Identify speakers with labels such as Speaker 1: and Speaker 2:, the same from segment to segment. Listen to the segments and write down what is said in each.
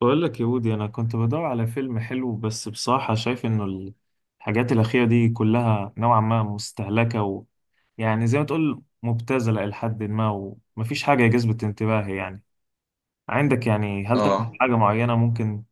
Speaker 1: بقول لك يا ودي، انا كنت بدور على فيلم حلو، بس بصراحة شايف انه الحاجات الأخيرة دي كلها نوعا ما مستهلكة، ويعني زي ما تقول مبتذلة إلى حد ما، ومفيش حاجة جذبت انتباهي يعني. عندك يعني، هل تعمل
Speaker 2: اه،
Speaker 1: حاجة معينة ممكن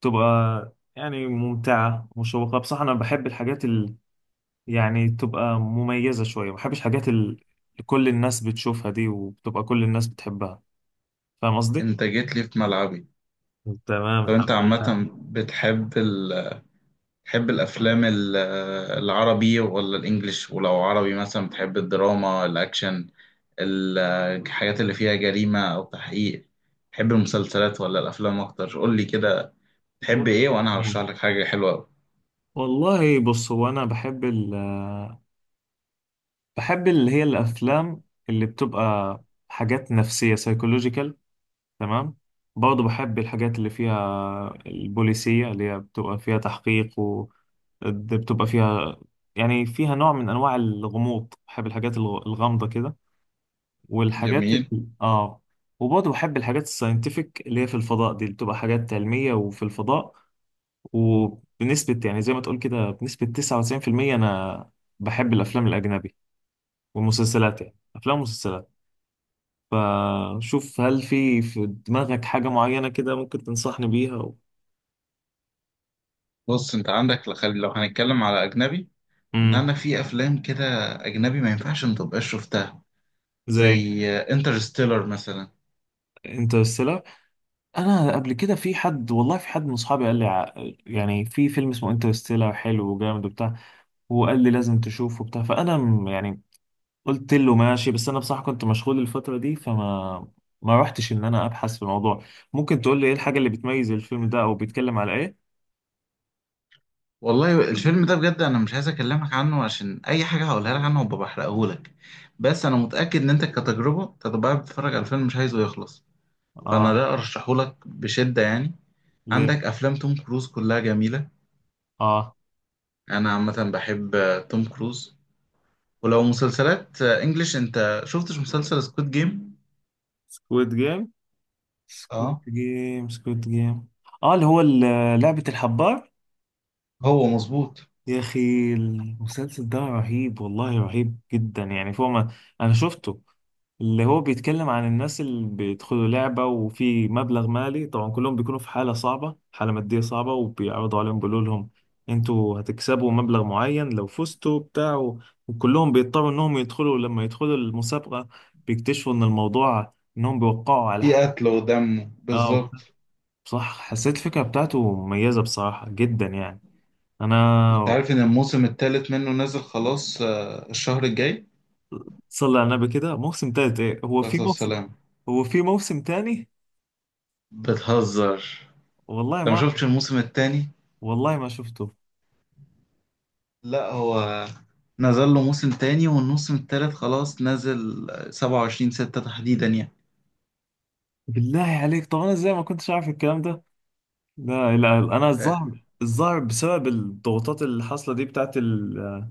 Speaker 1: تبقى يعني ممتعة مشوقة؟ بصراحة أنا بحب الحاجات اللي يعني تبقى مميزة شوية، ما بحبش الحاجات اللي كل الناس بتشوفها دي وبتبقى كل الناس بتحبها. فاهم قصدي؟
Speaker 2: انت جيت لي في ملعبي.
Speaker 1: تمام،
Speaker 2: طب
Speaker 1: الحمد
Speaker 2: انت
Speaker 1: لله.
Speaker 2: عامة بتحب ال... بتحب الافلام العربي ولا الانجليش؟ ولو عربي مثلا بتحب الدراما، الاكشن، ال- الحاجات اللي فيها جريمة او تحقيق؟ بتحب المسلسلات ولا الافلام اكتر؟ قول لي كده تحب
Speaker 1: بص
Speaker 2: ايه وانا هرشح لك حاجة حلوة أوي.
Speaker 1: والله بص، هو انا بحب اللي هي الافلام اللي بتبقى حاجات نفسيه، سايكولوجيكال. تمام. برضه بحب الحاجات اللي فيها البوليسيه، اللي هي بتبقى فيها تحقيق، و ده بتبقى فيها يعني فيها نوع من انواع الغموض. بحب الحاجات الغامضه كده، والحاجات ال...
Speaker 2: جميل.
Speaker 1: اه وبرضه بحب الحاجات الساينتفك اللي هي في الفضاء دي، اللي بتبقى حاجات علميه وفي الفضاء. وبنسبة يعني زي ما تقول كده، بنسبة 99%، أنا بحب الأفلام الأجنبي والمسلسلات، يعني أفلام ومسلسلات. فشوف هل في دماغك حاجة معينة كده ممكن تنصحني بيها و...
Speaker 2: بص، انت عندك لو هنتكلم على اجنبي، ان
Speaker 1: مم.
Speaker 2: انا في افلام كده اجنبي ما ينفعش ما تبقاش شفتها،
Speaker 1: زي
Speaker 2: زي انترستيلر مثلا.
Speaker 1: انترستيلر. أنا قبل كده في حد من أصحابي يعني في فيلم اسمه انترستيلر حلو وجامد وبتاع، وقال لي لازم تشوفه وبتاع، فأنا يعني قلت له ماشي، بس انا بصراحه كنت مشغول الفتره دي، فما ما رحتش انا ابحث في الموضوع. ممكن تقول لي ايه الحاجه اللي بتميز الفيلم ده او بيتكلم على ايه؟
Speaker 2: والله الفيلم ده بجد انا مش عايز اكلمك عنه، عشان اي حاجه هقولها لك عنه هبقى بحرقهولك، بس انا متاكد ان انت كتجربه أنت هتبقى قاعد بتتفرج على الفيلم مش عايزه يخلص، فانا
Speaker 1: اه.
Speaker 2: لا ارشحهولك بشده يعني.
Speaker 1: ليه؟
Speaker 2: عندك افلام توم كروز كلها جميله،
Speaker 1: اه.
Speaker 2: انا عامه بحب توم كروز. ولو مسلسلات انجليش، انت شفتش مسلسل سكوت جيم؟
Speaker 1: سكويد جيم، سكويد
Speaker 2: اه،
Speaker 1: جيم، سكويد جيم. اه، اللي هو لعبه الحبار.
Speaker 2: هو مظبوط.
Speaker 1: يا اخي المسلسل ده رهيب، والله رهيب جدا، يعني فوق ما انا شفته. اللي هو بيتكلم عن الناس اللي بيدخلوا لعبة وفي مبلغ مالي، طبعا كلهم بيكونوا في حالة صعبة، حالة مادية صعبة، وبيعرضوا عليهم، بيقولوا لهم انتوا هتكسبوا مبلغ معين لو فزتوا بتاع وكلهم بيضطروا انهم يدخلوا. لما يدخلوا المسابقة بيكتشفوا ان الموضوع انهم بيوقعوا على
Speaker 2: في
Speaker 1: حق.
Speaker 2: قتل ودم
Speaker 1: اه،
Speaker 2: بالظبط.
Speaker 1: صح. حسيت الفكرة بتاعته مميزة بصراحة جدا يعني. انا.
Speaker 2: انت عارف ان الموسم الثالث منه نازل خلاص الشهر الجاي؟
Speaker 1: صلي على النبي كده، موسم تالت ايه؟
Speaker 2: بس السلام،
Speaker 1: هو في موسم تاني؟
Speaker 2: بتهزر؟
Speaker 1: والله
Speaker 2: انت
Speaker 1: ما
Speaker 2: ما
Speaker 1: أعرف.
Speaker 2: شفتش الموسم التاني؟
Speaker 1: والله ما شفته.
Speaker 2: لا هو نزل له موسم تاني، والموسم التالت خلاص نزل 27 6 تحديدا يعني.
Speaker 1: بالله عليك، طب انا ازاي ما كنتش عارف الكلام ده؟ لا لا، انا
Speaker 2: آه،
Speaker 1: الظاهر بسبب الضغوطات اللي حاصله دي بتاعت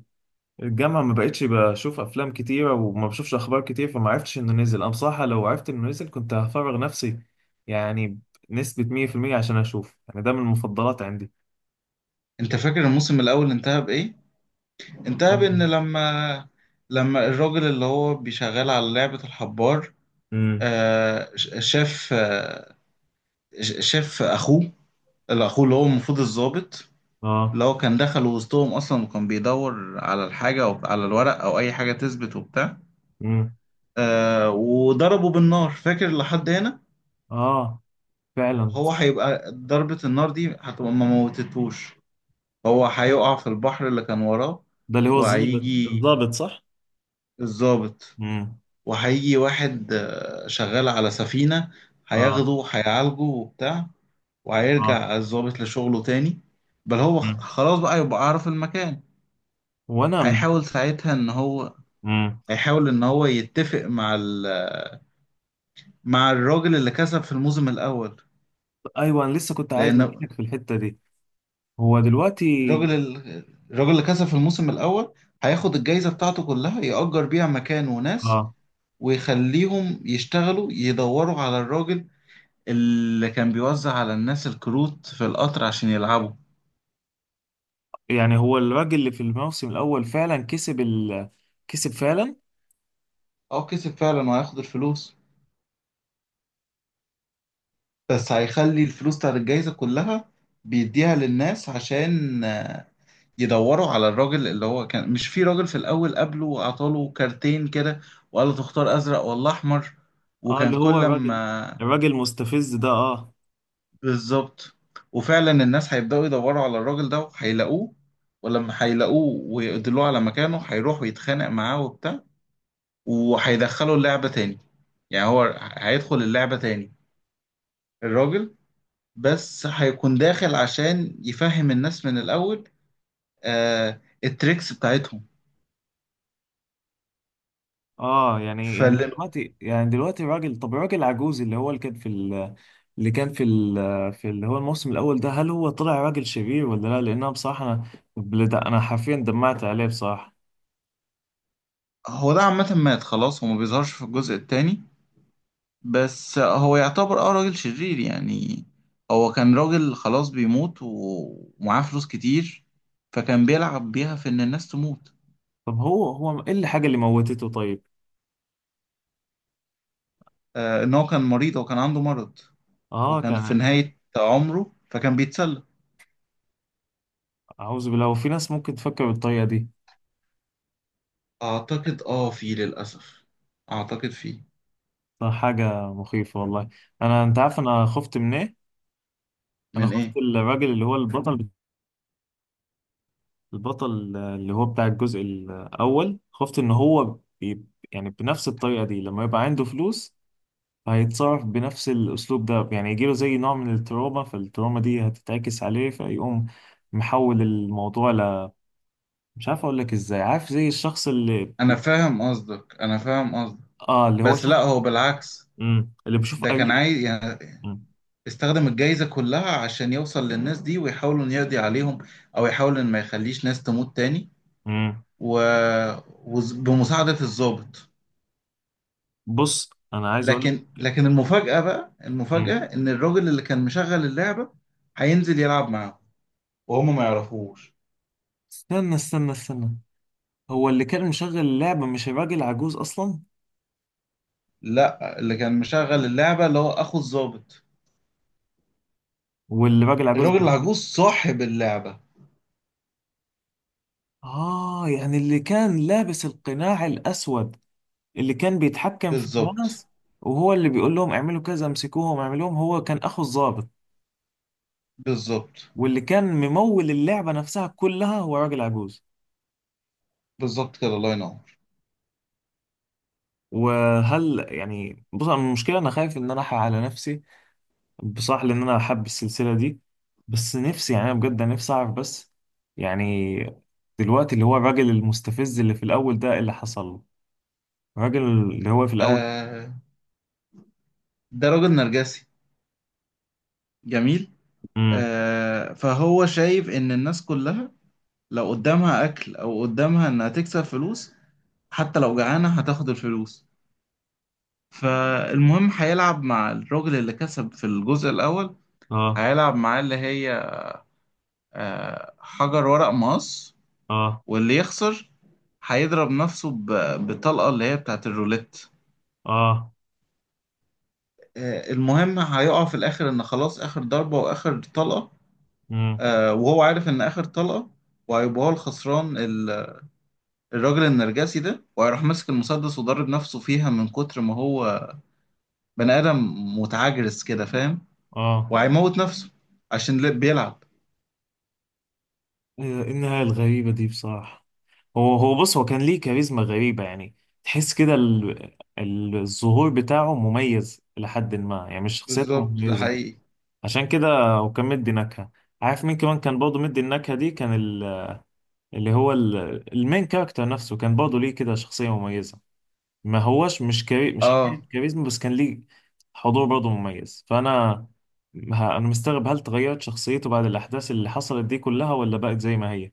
Speaker 1: الجامعه، ما بقتش بشوف افلام كتيره وما بشوفش اخبار كتير، فما عرفتش انه نزل. انا بصراحه لو عرفت انه نزل كنت هفرغ نفسي، يعني بنسبه 100%، عشان اشوف، يعني ده من المفضلات عندي.
Speaker 2: انت فاكر الموسم الاول انتهى بايه؟ انتهى بان لما الراجل اللي هو بيشغل على لعبة الحبار
Speaker 1: امم.
Speaker 2: شاف شاف اخوه، اللي اخوه اللي هو المفروض الضابط،
Speaker 1: اه.
Speaker 2: اللي هو كان دخل وسطهم اصلا وكان بيدور على الحاجة او على الورق او اي حاجة تثبت وبتاع.
Speaker 1: امم.
Speaker 2: وضربه بالنار، فاكر لحد هنا؟
Speaker 1: اه. فعلا.
Speaker 2: هو هيبقى ضربة النار دي هتبقى ما موتتهوش، هو هيقع في البحر اللي كان وراه.
Speaker 1: ده اللي هو الضابط،
Speaker 2: وهيجي
Speaker 1: الضابط، صح؟
Speaker 2: الضابط،
Speaker 1: امم.
Speaker 2: وهيجي واحد شغال على سفينة،
Speaker 1: اه.
Speaker 2: هياخده هيعالجه وبتاع،
Speaker 1: اه.
Speaker 2: وهيرجع الضابط لشغله تاني. بل هو
Speaker 1: مم.
Speaker 2: خلاص بقى يبقى عارف المكان.
Speaker 1: وانا.
Speaker 2: هيحاول ساعتها ان هو
Speaker 1: امم.
Speaker 2: هيحاول ان هو يتفق مع ال... مع الراجل اللي كسب في الموسم الاول.
Speaker 1: ايوه، انا لسه كنت عايز
Speaker 2: لان
Speaker 1: اتكلم في الحته دي. هو دلوقتي،
Speaker 2: الراجل ال- الراجل اللي كسب في الموسم الأول هياخد الجايزة بتاعته كلها يأجر بيها مكان وناس،
Speaker 1: اه
Speaker 2: ويخليهم يشتغلوا يدوروا على الراجل اللي كان بيوزع على الناس الكروت في القطر عشان يلعبوا.
Speaker 1: يعني هو الراجل اللي في الموسم الاول فعلا كسب كسب فعلا.
Speaker 2: اه كسب فعلا، وهياخد الفلوس، بس هيخلي الفلوس بتاعت الجايزة كلها بيديها للناس عشان يدوروا على الراجل اللي هو كان، مش في راجل في الأول قبله وأعطاله كارتين كده وقال له تختار أزرق ولا أحمر،
Speaker 1: اه،
Speaker 2: وكان
Speaker 1: اللي هو
Speaker 2: كل
Speaker 1: الراجل
Speaker 2: ما
Speaker 1: الراجل المستفز ده. اه.
Speaker 2: بالظبط. وفعلا الناس هيبدأوا يدوروا على الراجل ده وهيلاقوه، ولما هيلاقوه ويدلوه على مكانه هيروح ويتخانق معاه وبتاع، وهيدخله اللعبة تاني. يعني هو هيدخل اللعبة تاني الراجل، بس هيكون داخل عشان يفهم الناس من الأول آه التريكس بتاعتهم.
Speaker 1: اه يعني
Speaker 2: فهو
Speaker 1: دلوقتي، يعني دلوقتي الراجل، طب الراجل العجوز اللي هو اللي كان في ال... اللي كان في ال... في اللي هو الموسم الاول ده، هل هو طلع راجل شرير ولا لا؟ لان انا بصراحه انا حرفيا دمعت عليه بصراحه.
Speaker 2: ده عامة مات خلاص، هو ما بيظهرش في الجزء التاني، بس هو يعتبر اه راجل شرير يعني. هو كان راجل خلاص بيموت ومعاه فلوس كتير، فكان بيلعب بيها في ان الناس تموت.
Speaker 1: طب هو ايه الحاجه اللي موتته طيب؟
Speaker 2: آه ان هو كان مريض وكان عنده مرض،
Speaker 1: اه،
Speaker 2: وكان في
Speaker 1: كان.
Speaker 2: نهاية عمره فكان بيتسلى.
Speaker 1: اعوذ بالله، وفي ناس ممكن تفكر بالطريقه دي؟
Speaker 2: اعتقد اه في للأسف، اعتقد في.
Speaker 1: ده حاجه مخيفه والله. انت عارف انا خفت من ايه؟ انا
Speaker 2: من
Speaker 1: خفت
Speaker 2: ايه؟
Speaker 1: الراجل اللي هو البطل اللي هو بتاع الجزء الأول، خفت إن هو يعني بنفس الطريقة دي، لما يبقى عنده فلوس هيتصرف بنفس الأسلوب ده، يعني يجيله زي نوع من التروما، فالتروما دي هتتعكس عليه فيقوم محول الموضوع مش عارف أقول لك إزاي، عارف زي الشخص
Speaker 2: انا فاهم قصدك، انا فاهم قصدك،
Speaker 1: آه، اللي هو
Speaker 2: بس لا
Speaker 1: شخص.
Speaker 2: هو بالعكس.
Speaker 1: مم. اللي بيشوف
Speaker 2: ده كان
Speaker 1: قريب.
Speaker 2: عايز يعني
Speaker 1: مم.
Speaker 2: استخدم الجايزة كلها عشان يوصل للناس دي ويحاول انه يقضي عليهم، او يحاول ان ما يخليش ناس تموت تاني،
Speaker 1: مم.
Speaker 2: و... وبمساعدة الضابط.
Speaker 1: بص، أنا عايز أقول
Speaker 2: لكن
Speaker 1: لك.
Speaker 2: لكن المفاجأة بقى،
Speaker 1: مم.
Speaker 2: المفاجأة إن الراجل اللي كان مشغل اللعبة هينزل يلعب معاهم وهم ما يعرفوش.
Speaker 1: استنى استنى استنى، هو اللي كان مشغل اللعبة مش الراجل عجوز أصلا؟
Speaker 2: لا، اللي كان مشغل اللعبة اللي هو أخو الضابط،
Speaker 1: والراجل عجوز.
Speaker 2: الراجل العجوز صاحب اللعبة.
Speaker 1: آه، يعني اللي كان لابس القناع الأسود، اللي كان بيتحكم في
Speaker 2: بالظبط.
Speaker 1: الناس، وهو اللي بيقول لهم اعملوا كذا، امسكوهم، اعملوهم، هو كان أخو الضابط.
Speaker 2: بالظبط.
Speaker 1: واللي كان ممول اللعبة نفسها كلها هو راجل عجوز.
Speaker 2: بالظبط كده، الله ينور.
Speaker 1: وهل يعني، بص، أنا المشكلة أنا خايف إن أنا أحرق على نفسي بصراحة، لأن أنا حابب السلسلة دي، بس نفسي، يعني أنا بجد نفسي أعرف، بس يعني دلوقتي اللي هو الراجل المستفز اللي في الأول ده، إيه اللي حصل له، الراجل اللي هو في الأول؟
Speaker 2: آه، ده راجل نرجسي. جميل.
Speaker 1: امم.
Speaker 2: آه، فهو شايف إن الناس كلها لو قدامها أكل أو قدامها إنها تكسب فلوس، حتى لو جعانة هتاخد الفلوس. فالمهم هيلعب مع الراجل اللي كسب في الجزء الأول،
Speaker 1: اه.
Speaker 2: هيلعب معاه اللي هي حجر ورق مقص،
Speaker 1: اه.
Speaker 2: واللي يخسر هيضرب نفسه بالطلقة اللي هي بتاعت الروليت.
Speaker 1: اه.
Speaker 2: المهم هيقع في الآخر إن خلاص آخر ضربة وآخر طلقة،
Speaker 1: امم.
Speaker 2: وهو عارف إن آخر طلقة وهيبقى هو الخسران الراجل النرجسي ده، وهيروح ماسك المسدس وضارب نفسه فيها من كتر ما هو بني آدم متعجرس كده، فاهم؟
Speaker 1: اه.
Speaker 2: وهيموت نفسه عشان بيلعب.
Speaker 1: إيه النهاية الغريبة دي بصراحة؟ هو كان ليه كاريزما غريبة يعني. تحس كده الظهور بتاعه مميز لحد ما، يعني مش شخصيته
Speaker 2: بالظبط، ده
Speaker 1: مميزة
Speaker 2: حقيقي.
Speaker 1: عشان كده. هو كان مدي نكهة. عارف مين كمان كان برضه مدي النكهة دي؟ كان المين كاركتر نفسه، كان برضه ليه كده شخصية مميزة، ما هوش مش حكاية
Speaker 2: اه.
Speaker 1: كاريزما بس، كان ليه حضور برضه مميز. فأنا أنا مستغرب، هل تغيرت شخصيته بعد الأحداث اللي حصلت دي كلها ولا بقت زي ما هي؟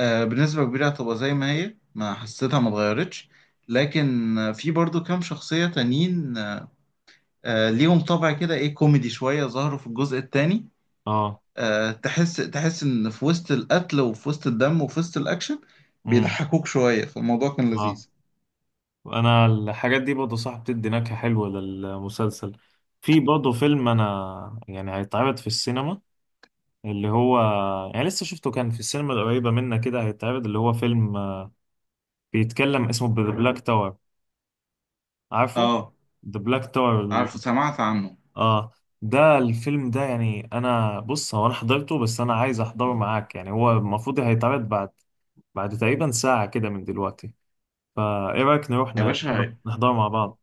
Speaker 2: بنسبة كبيرة هتبقى زي ما هي، ما حسيتها ما اتغيرتش. لكن في برضو كام شخصية تانيين ليهم طبع كده ايه كوميدي شوية، ظهروا في الجزء التاني.
Speaker 1: اه.
Speaker 2: تحس، تحس ان في وسط القتل وفي وسط الدم وفي وسط الاكشن
Speaker 1: امم.
Speaker 2: بيضحكوك شوية، فالموضوع كان
Speaker 1: اه.
Speaker 2: لذيذ.
Speaker 1: انا الحاجات دي برضه صح بتدي نكهة حلوة للمسلسل. في برضه فيلم انا يعني هيتعرض في السينما، اللي هو، يعني لسه شفته كان في السينما القريبة منا كده، هيتعرض، اللي هو فيلم بيتكلم اسمه ذا بلاك تاور، عارفه؟
Speaker 2: اه،
Speaker 1: ذا بلاك تاور.
Speaker 2: عارفه، سمعت عنه.
Speaker 1: اه. ده الفيلم ده يعني، انا بص، هو انا حضرته بس انا عايز احضره معاك، يعني هو المفروض هيتعرض بعد تقريبا ساعة كده من دلوقتي. فايه رأيك نروح
Speaker 2: يا باشا،
Speaker 1: نحضره مع بعض؟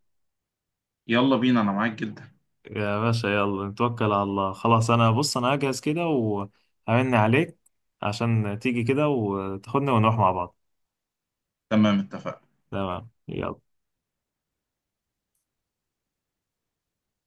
Speaker 2: يلا بينا انا معاك جدا.
Speaker 1: يا باشا، يلا نتوكل على الله، خلاص، انا بص، انا هجهز كده وهرن عليك عشان تيجي كده وتاخدنا ونروح مع بعض.
Speaker 2: تمام، اتفقنا.
Speaker 1: تمام، يلا.